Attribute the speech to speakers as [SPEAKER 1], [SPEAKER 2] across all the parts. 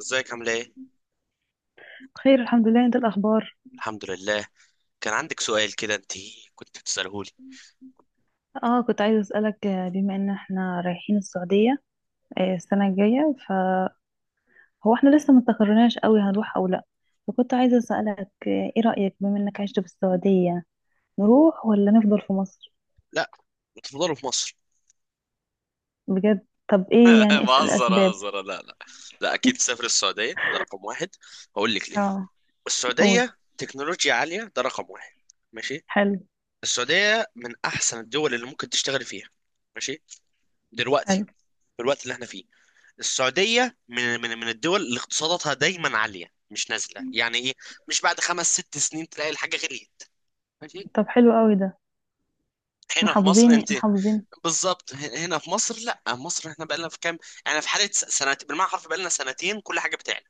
[SPEAKER 1] ازيك؟ عامله ايه؟
[SPEAKER 2] بخير، الحمد لله. انت، الاخبار؟
[SPEAKER 1] الحمد لله. كان عندك سؤال كده انت، كنت بتساله لي.
[SPEAKER 2] اه، كنت عايزه اسالك بما ان احنا رايحين السعوديه السنه الجايه، فهو احنا لسه ما استقرناش قوي هنروح او لا. فكنت عايزه اسالك ايه رايك بما انك عشت في السعوديه، نروح ولا نفضل في مصر؟
[SPEAKER 1] لا، بتفضلوا في مصر؟
[SPEAKER 2] بجد؟ طب ايه يعني
[SPEAKER 1] بهزر
[SPEAKER 2] الاسباب؟
[SPEAKER 1] بهزر، لا لا. لا، اكيد تسافر السعوديه، ده رقم واحد. هقول لك ليه.
[SPEAKER 2] اه. قول.
[SPEAKER 1] السعوديه تكنولوجيا عاليه، ده رقم واحد. ماشي.
[SPEAKER 2] حلو.
[SPEAKER 1] السعوديه من احسن الدول اللي ممكن تشتغل فيها. ماشي.
[SPEAKER 2] حلو.
[SPEAKER 1] دلوقتي، في الوقت اللي احنا فيه، السعوديه من الدول اللي اقتصاداتها دايما عاليه، مش نازله يعني، ايه، مش بعد خمس ست سنين تلاقي الحاجه غليت. ماشي.
[SPEAKER 2] طب حلو قوي ده.
[SPEAKER 1] هنا في مصر
[SPEAKER 2] محافظين
[SPEAKER 1] انت،
[SPEAKER 2] محافظين.
[SPEAKER 1] بالظبط، هنا في مصر، لا مصر احنا بقالنا في كام، يعني في حاله سنتين بالمعنى الحرفي، بقالنا سنتين كل حاجه بتعلى.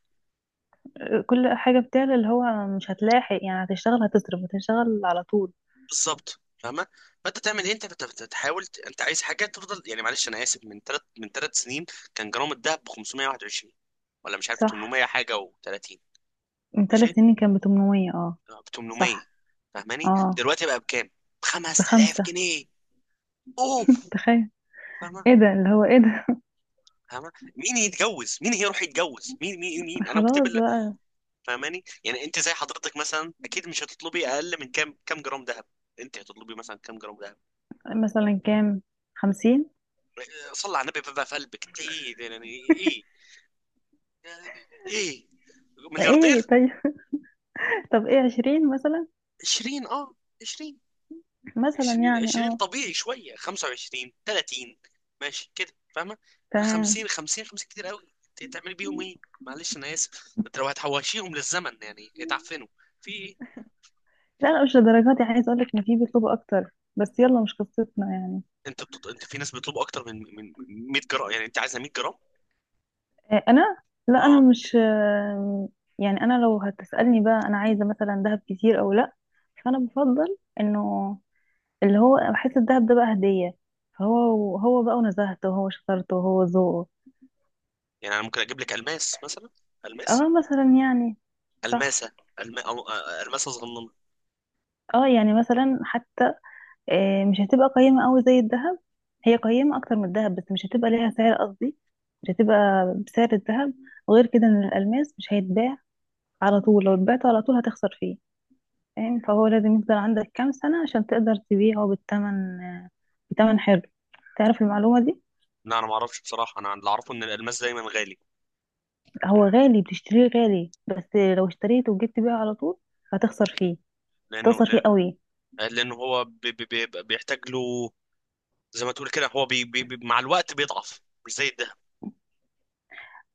[SPEAKER 2] كل حاجه بتعلى، اللي هو مش هتلاحق يعني. هتشتغل، هتصرف، هتشتغل على طول.
[SPEAKER 1] بالظبط، فاهمه؟ فانت تعمل ايه؟ انت بتحاول، انت عايز حاجه تفضل يعني، معلش انا اسف، من ثلاث سنين كان جرام الذهب ب 521، ولا مش عارف
[SPEAKER 2] صح.
[SPEAKER 1] 800 حاجه و30.
[SPEAKER 2] من ثلاث
[SPEAKER 1] ماشي.
[SPEAKER 2] سنين كان ب 800. اه.
[SPEAKER 1] اه، ب 800.
[SPEAKER 2] صح.
[SPEAKER 1] فاهماني؟
[SPEAKER 2] اه،
[SPEAKER 1] دلوقتي بقى بكام؟ ب 5000
[SPEAKER 2] بخمسة.
[SPEAKER 1] جنيه اوف.
[SPEAKER 2] تخيل.
[SPEAKER 1] فاهمه؟
[SPEAKER 2] ايه ده، اللي هو ايه ده!
[SPEAKER 1] فاهمه، مين يتجوز؟ مين هيروح يتجوز؟ مين مين مين انا كتاب.
[SPEAKER 2] خلاص بقى.
[SPEAKER 1] فاهماني؟ يعني انت زي حضرتك مثلا، اكيد مش هتطلبي اقل من كام جرام ذهب. انت هتطلبي مثلا كام جرام ذهب؟
[SPEAKER 2] مثلا كام؟ 50.
[SPEAKER 1] صلى على النبي بقى، في قلبك ايه يعني؟ ايه؟ يعني؟ ايه؟
[SPEAKER 2] ايه؟
[SPEAKER 1] ملياردير؟
[SPEAKER 2] طيب. طب ايه، 20 مثلا؟
[SPEAKER 1] 20، اه. 20.
[SPEAKER 2] مثلا
[SPEAKER 1] 20،
[SPEAKER 2] يعني،
[SPEAKER 1] 20
[SPEAKER 2] اه.
[SPEAKER 1] طبيعي شويه، 25، 30. ماشي كده، فاهمه؟
[SPEAKER 2] تمام.
[SPEAKER 1] 50، 50، 50 كتير قوي، انت هتعملي بيهم ايه؟ معلش انا اسف، انت لو هتحوشيهم للزمن يعني يتعفنوا في ايه؟
[SPEAKER 2] لا، لا، مش لدرجات يعني، عايز اقولك ان في بيطلبوا اكتر. بس يلا، مش قصتنا يعني.
[SPEAKER 1] انت في ناس بيطلبوا اكتر من 100 جرام، يعني انت عايزه 100 جرام؟
[SPEAKER 2] إيه انا؟ لا انا
[SPEAKER 1] اه.
[SPEAKER 2] مش يعني انا لو هتسألني بقى، انا عايزة مثلا دهب كتير او لا؟ فانا بفضل انه اللي هو بحس الدهب ده بقى هدية. فهو هو بقى، ونزهته، وهو شطارته، وهو ذوقه.
[SPEAKER 1] يعني انا ممكن اجيب لك الماس مثلا، الماس،
[SPEAKER 2] اه، مثلا يعني. صح.
[SPEAKER 1] الماسه، الم... أو... آه، الماسه صغننه.
[SPEAKER 2] اه، يعني مثلا حتى مش هتبقى قيمة قوي زي الذهب. هي قيمة اكتر من الذهب، بس مش هتبقى ليها سعر، قصدي مش هتبقى بسعر الذهب. غير كده ان الالماس مش هيتباع على طول. لو اتبعته على طول هتخسر فيه. فاهم؟ فهو لازم يفضل عندك كام سنة عشان تقدر تبيعه بالثمن، بثمن حلو. تعرف المعلومة دي؟
[SPEAKER 1] لا انا ما اعرفش بصراحه، انا اللي اعرفه ان الالماس دايما غالي.
[SPEAKER 2] هو غالي، بتشتريه غالي، بس لو اشتريته وجيت تبيعه على طول هتخسر فيه.
[SPEAKER 1] لانه،
[SPEAKER 2] هتخسر فيه قوي.
[SPEAKER 1] لانه هو بيحتاج له، زي ما تقول كده، هو مع الوقت بيضعف، مش زي الدهب.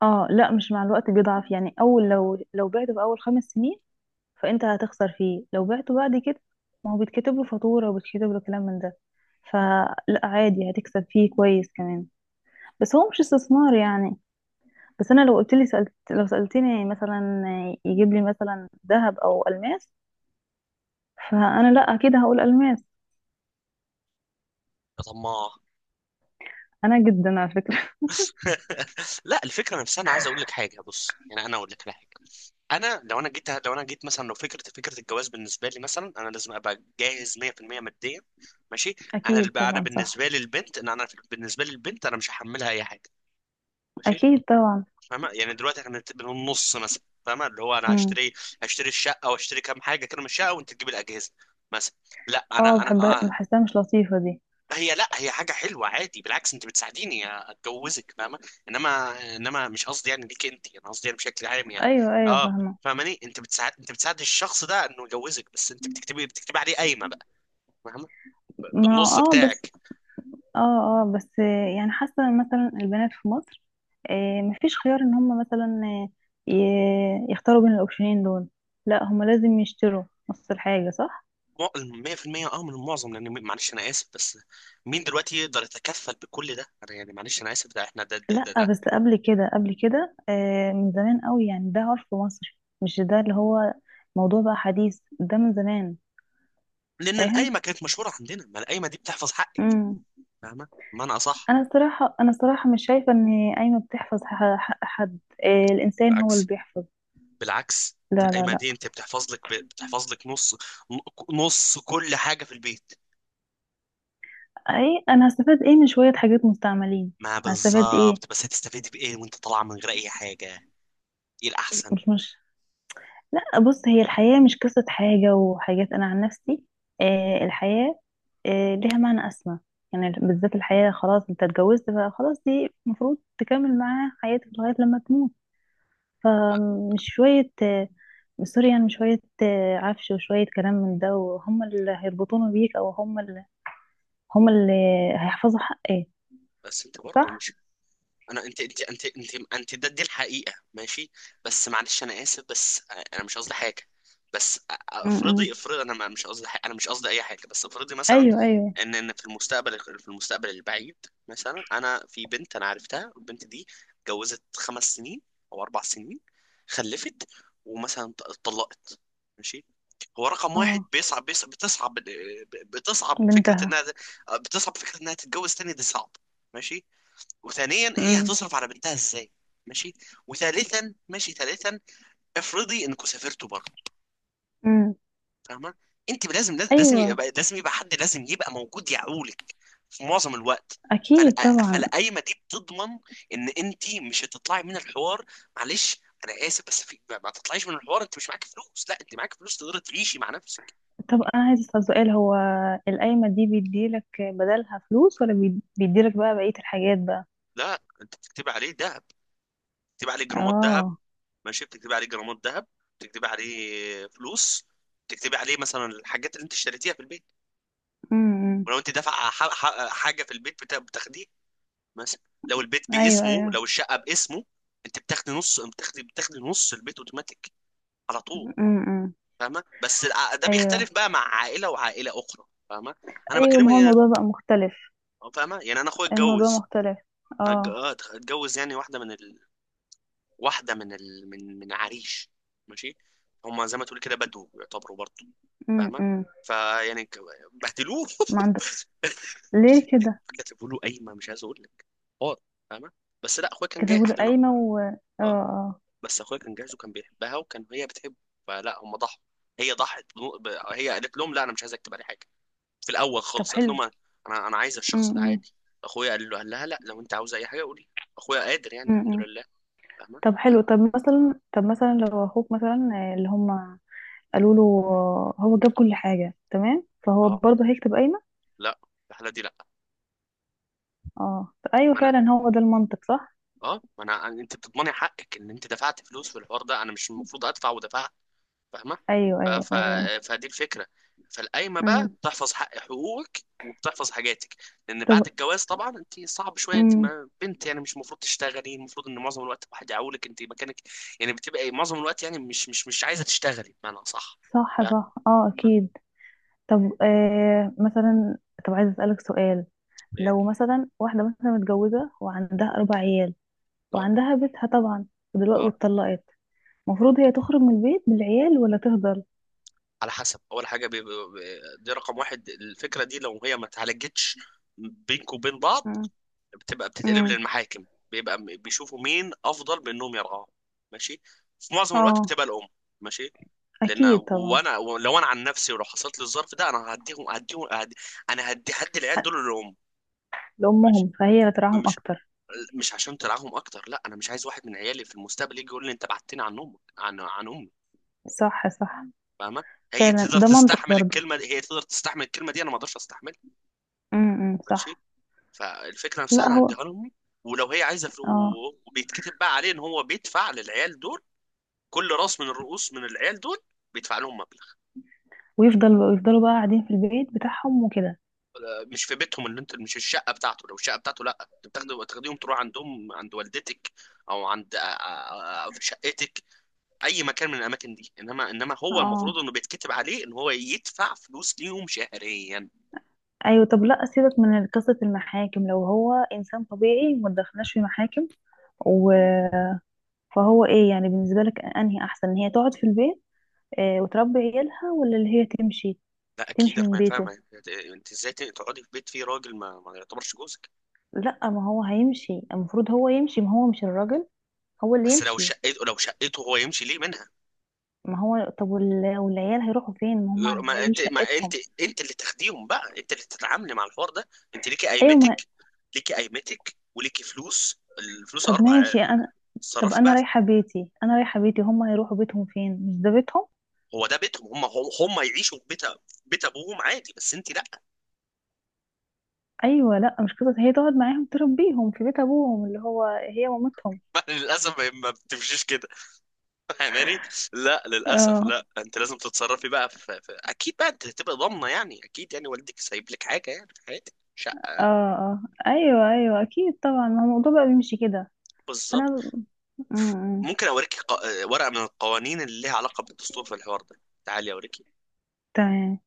[SPEAKER 2] اه، لا مش مع الوقت بيضعف يعني. اول لو بعته في اول 5 سنين فانت هتخسر فيه. لو بعته بعد كده، ما هو بيتكتب له فاتورة، وبيتكتب له كلام من ده، فلا عادي، هتكسب فيه كويس كمان. بس هو مش استثمار يعني. بس انا لو قلت لي سألت لو سألتني مثلا يجيب لي مثلا ذهب او الماس، فانا لا، اكيد هقول الماس.
[SPEAKER 1] يا طماع.
[SPEAKER 2] انا جدا، على فكرة.
[SPEAKER 1] لا، الفكره نفسها، انا عايز اقول لك حاجه، بص يعني انا اقول لك على حاجه. انا لو انا جيت لو انا جيت مثلا، لو فكره الجواز بالنسبه لي مثلا، انا لازم ابقى جاهز 100% ماديا. ماشي.
[SPEAKER 2] اكيد
[SPEAKER 1] انا
[SPEAKER 2] طبعا، صح.
[SPEAKER 1] بالنسبه لي البنت، انا مش هحملها اي حاجه. ماشي.
[SPEAKER 2] اكيد طبعا.
[SPEAKER 1] فاهمة يعني دلوقتي احنا بالنص مثلا، فاهمة اللي هو انا
[SPEAKER 2] امم.
[SPEAKER 1] هشتري، الشقة واشتري كام حاجة كده من الشقة، وانت تجيب الأجهزة مثلا. لا
[SPEAKER 2] اه،
[SPEAKER 1] انا
[SPEAKER 2] بحب.
[SPEAKER 1] اه،
[SPEAKER 2] بحسها مش لطيفة دي.
[SPEAKER 1] لا هي حاجة حلوة عادي، بالعكس انت بتساعديني اتجوزك، فاهمة؟ انما، مش قصدي يعني ليك انت، انا قصدي يعني بشكل عام يعني.
[SPEAKER 2] ايوه، ايوه،
[SPEAKER 1] اه.
[SPEAKER 2] فاهمة.
[SPEAKER 1] فاهماني؟ انت بتساعد الشخص ده انه يجوزك، بس انت بتكتبي عليه قايمة بقى. فاهمة؟
[SPEAKER 2] ما،
[SPEAKER 1] بالنص
[SPEAKER 2] اه، بس.
[SPEAKER 1] بتاعك.
[SPEAKER 2] اه، اه، بس. يعني حاسه إن مثلا البنات في مصر مفيش خيار ان هم مثلا يختاروا بين الاوبشنين دول. لا، هم لازم يشتروا نص الحاجه، صح.
[SPEAKER 1] مو- 100%، اه، من المعظم، لان، معلش انا اسف بس، مين دلوقتي يقدر يتكفل بكل ده، انا يعني معلش انا اسف، ده احنا ده
[SPEAKER 2] لا،
[SPEAKER 1] لا.
[SPEAKER 2] بس قبل كده من زمان قوي يعني. ده عرف مصر، مش ده اللي هو موضوع بقى حديث، ده من زمان.
[SPEAKER 1] لان
[SPEAKER 2] فاهم؟
[SPEAKER 1] القايمه كانت مشهوره عندنا، ما القايمه دي بتحفظ حقك.
[SPEAKER 2] امم.
[SPEAKER 1] فاهمه؟ بمعنى اصح،
[SPEAKER 2] انا الصراحه مش شايفه ان قايمه بتحفظ حد. الانسان هو اللي
[SPEAKER 1] بالعكس،
[SPEAKER 2] بيحفظ.
[SPEAKER 1] بالعكس انت
[SPEAKER 2] لا، لا،
[SPEAKER 1] القايمه دي،
[SPEAKER 2] لا.
[SPEAKER 1] انت بتحفظ لك، بتحفظ لك نص، نص كل حاجه في البيت.
[SPEAKER 2] اي انا هستفاد ايه من شوية حاجات مستعملين؟
[SPEAKER 1] ما
[SPEAKER 2] هستفاد ايه؟
[SPEAKER 1] بالظبط، بس هتستفيد بايه وانت طالعه من غير اي حاجه؟ ايه الاحسن؟
[SPEAKER 2] مش مش لا، بص، هي الحياة مش قصة حاجة وحاجات. انا عن نفسي الحياة، ليها معنى اسمى. يعني بالذات الحياة، خلاص انت اتجوزت فخلاص، دي المفروض تكمل معاها حياتك لغاية لما تموت. فمش شوية آه سوري، يعني مش شوية عفش وشوية كلام من ده، وهم اللي هيربطونه بيك، او هم اللي هيحفظوا حقك.
[SPEAKER 1] بس انت
[SPEAKER 2] صح.
[SPEAKER 1] برضه مش، انا انت انت انت انت انت ده دي الحقيقه، ماشي. بس معلش انا اسف، بس انا مش قصدي حاجه، بس
[SPEAKER 2] م-
[SPEAKER 1] افرضي،
[SPEAKER 2] م.
[SPEAKER 1] انا، مش قصدي حاجة، انا مش قصدي اي حاجه، بس افرضي مثلا،
[SPEAKER 2] ايوه، ايوه.
[SPEAKER 1] ان في المستقبل البعيد، مثلا انا في بنت انا عرفتها، البنت دي اتجوزت 5 سنين او 4 سنين، خلفت، ومثلا، اتطلقت. ماشي. هو رقم واحد،
[SPEAKER 2] اه.
[SPEAKER 1] بيصعب بيصعب بتصعب بتصعب فكره
[SPEAKER 2] بنتها.
[SPEAKER 1] انها بتصعب فكره انها تتجوز تاني، دي صعب. ماشي. وثانيا، هي
[SPEAKER 2] امم.
[SPEAKER 1] هتصرف على بنتها ازاي؟ ماشي. وثالثا، ماشي، ثالثا افرضي انكم سافرتوا بره.
[SPEAKER 2] امم.
[SPEAKER 1] فاهمه؟ انت لازم
[SPEAKER 2] ايوه.
[SPEAKER 1] يبقى لازم يبقى حد لازم يبقى موجود يعولك في معظم الوقت. فال-
[SPEAKER 2] اكيد طبعا.
[SPEAKER 1] فالقايمه دي بتضمن ان انت مش هتطلعي من الحوار. معلش، انا اسف بس، في ما تطلعيش من الحوار انت مش معاك فلوس، لا انت معاك فلوس تقدري تعيشي مع نفسك.
[SPEAKER 2] طب انا عايز اسال سؤال، هو القايمه دي بيديلك بدلها فلوس ولا بيديلك بقى بقيه الحاجات بقى؟
[SPEAKER 1] لا، انت بتكتبي عليه دهب، بتكتبي عليه جرامات دهب،
[SPEAKER 2] اه.
[SPEAKER 1] ماشي، بتكتبي عليه جرامات ذهب، بتكتبي عليه فلوس، بتكتبي عليه مثلا الحاجات اللي انت اشتريتيها في البيت.
[SPEAKER 2] امم.
[SPEAKER 1] ولو انت دافعه، حاجه في البيت، بتاخديه، مثلا لو البيت
[SPEAKER 2] ايوه،
[SPEAKER 1] باسمه،
[SPEAKER 2] ايوه.
[SPEAKER 1] لو الشقه باسمه، انت بتاخدي نص، بتاخدي نص البيت اوتوماتيك على طول.
[SPEAKER 2] امم.
[SPEAKER 1] فاهمه؟ بس، ده
[SPEAKER 2] ايوه،
[SPEAKER 1] بيختلف بقى مع عائله وعائله اخرى، فاهمه؟ انا
[SPEAKER 2] ايوه، ما
[SPEAKER 1] بكلمك
[SPEAKER 2] هو
[SPEAKER 1] يعني،
[SPEAKER 2] الموضوع بقى مختلف.
[SPEAKER 1] فاهمه يعني، انا اخويا
[SPEAKER 2] الموضوع
[SPEAKER 1] اتجوز،
[SPEAKER 2] مختلف. اه.
[SPEAKER 1] اتجوز يعني، واحده من ال... واحده من ال... من من عريش. ماشي. هما زي ما تقول كده بدو يعتبروا برضه، فاهمه؟
[SPEAKER 2] امم.
[SPEAKER 1] فيعني، بهدلوه.
[SPEAKER 2] ما عنده. ليه كده؟
[SPEAKER 1] كتبوا له قايمه، مش عايز اقول لك، حوار، فاهمه؟ بس لا، اخويا كان
[SPEAKER 2] كتبوا
[SPEAKER 1] جاهز
[SPEAKER 2] له
[SPEAKER 1] لانه،
[SPEAKER 2] قايمه، و اه.
[SPEAKER 1] اه،
[SPEAKER 2] اه.
[SPEAKER 1] بس اخويا كان جاهز، وكان بيحبها، وكان هي بتحبه، فلا، هم ضحوا، هي ضحت، هي قالت لهم لا انا مش عايز اكتب عليه حاجه في الاول
[SPEAKER 2] طب
[SPEAKER 1] خالص، قالت
[SPEAKER 2] حلو.
[SPEAKER 1] لهم انا، انا عايزه الشخص ده
[SPEAKER 2] امم.
[SPEAKER 1] عادي. اخويا قال لها لا، لو انت عاوز اي حاجه قولي، اخويا قادر يعني، الحمد
[SPEAKER 2] امم.
[SPEAKER 1] لله. فاهمه؟
[SPEAKER 2] طب حلو. طب مثلا، لو اخوك مثلا، اللي هم قالوا له هو جاب كل حاجة تمام، فهو
[SPEAKER 1] اه،
[SPEAKER 2] برضه هيكتب قايمة؟
[SPEAKER 1] لا، في الحاله دي لا.
[SPEAKER 2] اه، ايوه،
[SPEAKER 1] ما انا
[SPEAKER 2] فعلا هو ده المنطق. صح.
[SPEAKER 1] اه ما انا انت بتضمني حقك ان انت دفعت فلوس في الحوار ده، انا مش المفروض ادفع ودفعها. فاهمه؟
[SPEAKER 2] ايوه،
[SPEAKER 1] ف...
[SPEAKER 2] ايوه،
[SPEAKER 1] ف...
[SPEAKER 2] ايوه.
[SPEAKER 1] فدي الفكره. فالقايمه بقى
[SPEAKER 2] امم.
[SPEAKER 1] بتحفظ حقوقك وبتحفظ حاجاتك. لان بعد
[SPEAKER 2] طب.
[SPEAKER 1] الجواز طبعا انت صعب شويه، انت
[SPEAKER 2] امم.
[SPEAKER 1] ما بنت يعني مش المفروض تشتغلي، المفروض ان معظم الوقت الواحد يعولك انت مكانك، يعني بتبقى إيه، معظم الوقت يعني مش عايزه تشتغلي بمعنى، صح؟
[SPEAKER 2] صح،
[SPEAKER 1] فاهم؟
[SPEAKER 2] صح، اه، اكيد. طب مثلا، طب عايزه اسالك سؤال. لو
[SPEAKER 1] ايه؟
[SPEAKER 2] مثلا واحده مثلا متجوزه وعندها اربع عيال،
[SPEAKER 1] اه،
[SPEAKER 2] وعندها بيتها طبعا، ودلوقتي
[SPEAKER 1] اه،
[SPEAKER 2] واتطلقت، المفروض هي تخرج من البيت بالعيال ولا تفضل؟
[SPEAKER 1] على حسب، اول حاجه، دي رقم واحد، الفكره دي لو هي ما اتعالجتش بينك وبين بعض،
[SPEAKER 2] امم.
[SPEAKER 1] بتتقلب
[SPEAKER 2] امم.
[SPEAKER 1] للمحاكم، بيشوفوا مين افضل بانهم يرعاهم. ماشي. في معظم الوقت
[SPEAKER 2] اه،
[SPEAKER 1] بتبقى الام. ماشي. لان،
[SPEAKER 2] اكيد طبعا.
[SPEAKER 1] وانا، لو انا عن نفسي ولو حصلت لي الظرف ده، انا هديهم هديهم هدي انا هدي هدي العيال دول للام. ماشي.
[SPEAKER 2] لامهم، فهي اللي ترعاهم
[SPEAKER 1] مش
[SPEAKER 2] اكتر.
[SPEAKER 1] مش عشان ترعاهم اكتر، لا، انا مش عايز واحد من عيالي في المستقبل يجي يقول لي انت بعدتني عن امك، عن امي.
[SPEAKER 2] صح، صح،
[SPEAKER 1] فاهمه؟
[SPEAKER 2] فعلا ده منطق برضو.
[SPEAKER 1] هي تقدر تستحمل الكلمه دي، انا ما اقدرش استحملها.
[SPEAKER 2] امم،
[SPEAKER 1] ماشي.
[SPEAKER 2] صح.
[SPEAKER 1] فالفكره نفسها،
[SPEAKER 2] لا،
[SPEAKER 1] انا
[SPEAKER 2] هو.
[SPEAKER 1] هديها لهم، ولو هي عايزه فلوس،
[SPEAKER 2] اه.
[SPEAKER 1] وبيتكتب بقى عليه ان هو بيدفع للعيال دول، كل راس من الرؤوس من العيال دول بيدفع لهم مبلغ.
[SPEAKER 2] ويفضل، ويفضلوا بقى قاعدين في البيت بتاعهم وكده؟
[SPEAKER 1] مش في بيتهم، اللي انت مش الشقه بتاعته، لو الشقه بتاعته لا انت تاخديهم تروح عندهم عند والدتك، او عند، في شقتك، اي مكان من الاماكن دي، انما، هو المفروض
[SPEAKER 2] اه.
[SPEAKER 1] انه بيتكتب عليه ان هو يدفع فلوس ليهم شهريا.
[SPEAKER 2] ايوه، طب لا، سيبك من قصة المحاكم. لو هو انسان طبيعي ما تدخلناش في محاكم. و، فهو ايه يعني بالنسبة لك، انهي احسن، ان هي تقعد في البيت وتربي عيالها، ولا اللي هي تمشي،
[SPEAKER 1] لا، اكيد
[SPEAKER 2] تمشي
[SPEAKER 1] انا
[SPEAKER 2] من
[SPEAKER 1] ما فاهم،
[SPEAKER 2] بيته؟
[SPEAKER 1] انت ازاي تقعدي في بيت فيه راجل ما يعتبرش جوزك؟
[SPEAKER 2] لا، ما هو هيمشي، المفروض هو يمشي، ما هو مش الراجل هو اللي
[SPEAKER 1] بس لو
[SPEAKER 2] يمشي.
[SPEAKER 1] شقته، هو يمشي ليه منها؟
[SPEAKER 2] ما هو، طب والعيال هيروحوا فين؟ ما هم العيال
[SPEAKER 1] ما
[SPEAKER 2] دول
[SPEAKER 1] انت ما انت
[SPEAKER 2] شقتهم.
[SPEAKER 1] انت اللي تاخديهم بقى، انت اللي تتعاملي مع الحوار ده، انت ليكي
[SPEAKER 2] ايوه، ما
[SPEAKER 1] قيمتك، وليكي فلوس، الفلوس
[SPEAKER 2] طب
[SPEAKER 1] الاربع
[SPEAKER 2] ماشي انا. طب
[SPEAKER 1] تصرفي
[SPEAKER 2] انا
[SPEAKER 1] بقى.
[SPEAKER 2] رايحه بيتي انا رايحه بيتي هم هيروحوا بيتهم فين؟ مش ده بيتهم؟
[SPEAKER 1] هو ده بيتهم، هم يعيشوا في بيت ابوهم عادي، بس انت لا.
[SPEAKER 2] ايوه، لا مش قصه، هي تقعد معاهم تربيهم في بيت ابوهم، اللي هو هي مامتهم.
[SPEAKER 1] للاسف ما بتمشيش كده. فاهماني؟ لا للاسف،
[SPEAKER 2] اه،
[SPEAKER 1] لا انت لازم تتصرفي بقى، اكيد بقى انت هتبقى ضامنه يعني، اكيد يعني والدك سايب لك حاجه يعني في حياتك،
[SPEAKER 2] اه،
[SPEAKER 1] شقه.
[SPEAKER 2] اه، ايوه، ايوه، اكيد طبعا، ما هو الموضوع بقى بيمشي كده.
[SPEAKER 1] بالظبط.
[SPEAKER 2] فانا م- م.
[SPEAKER 1] ممكن اوريكي، ورقه من القوانين اللي ليها علاقه بالدستور في الحوار ده، تعالي اوريكي.
[SPEAKER 2] تمام.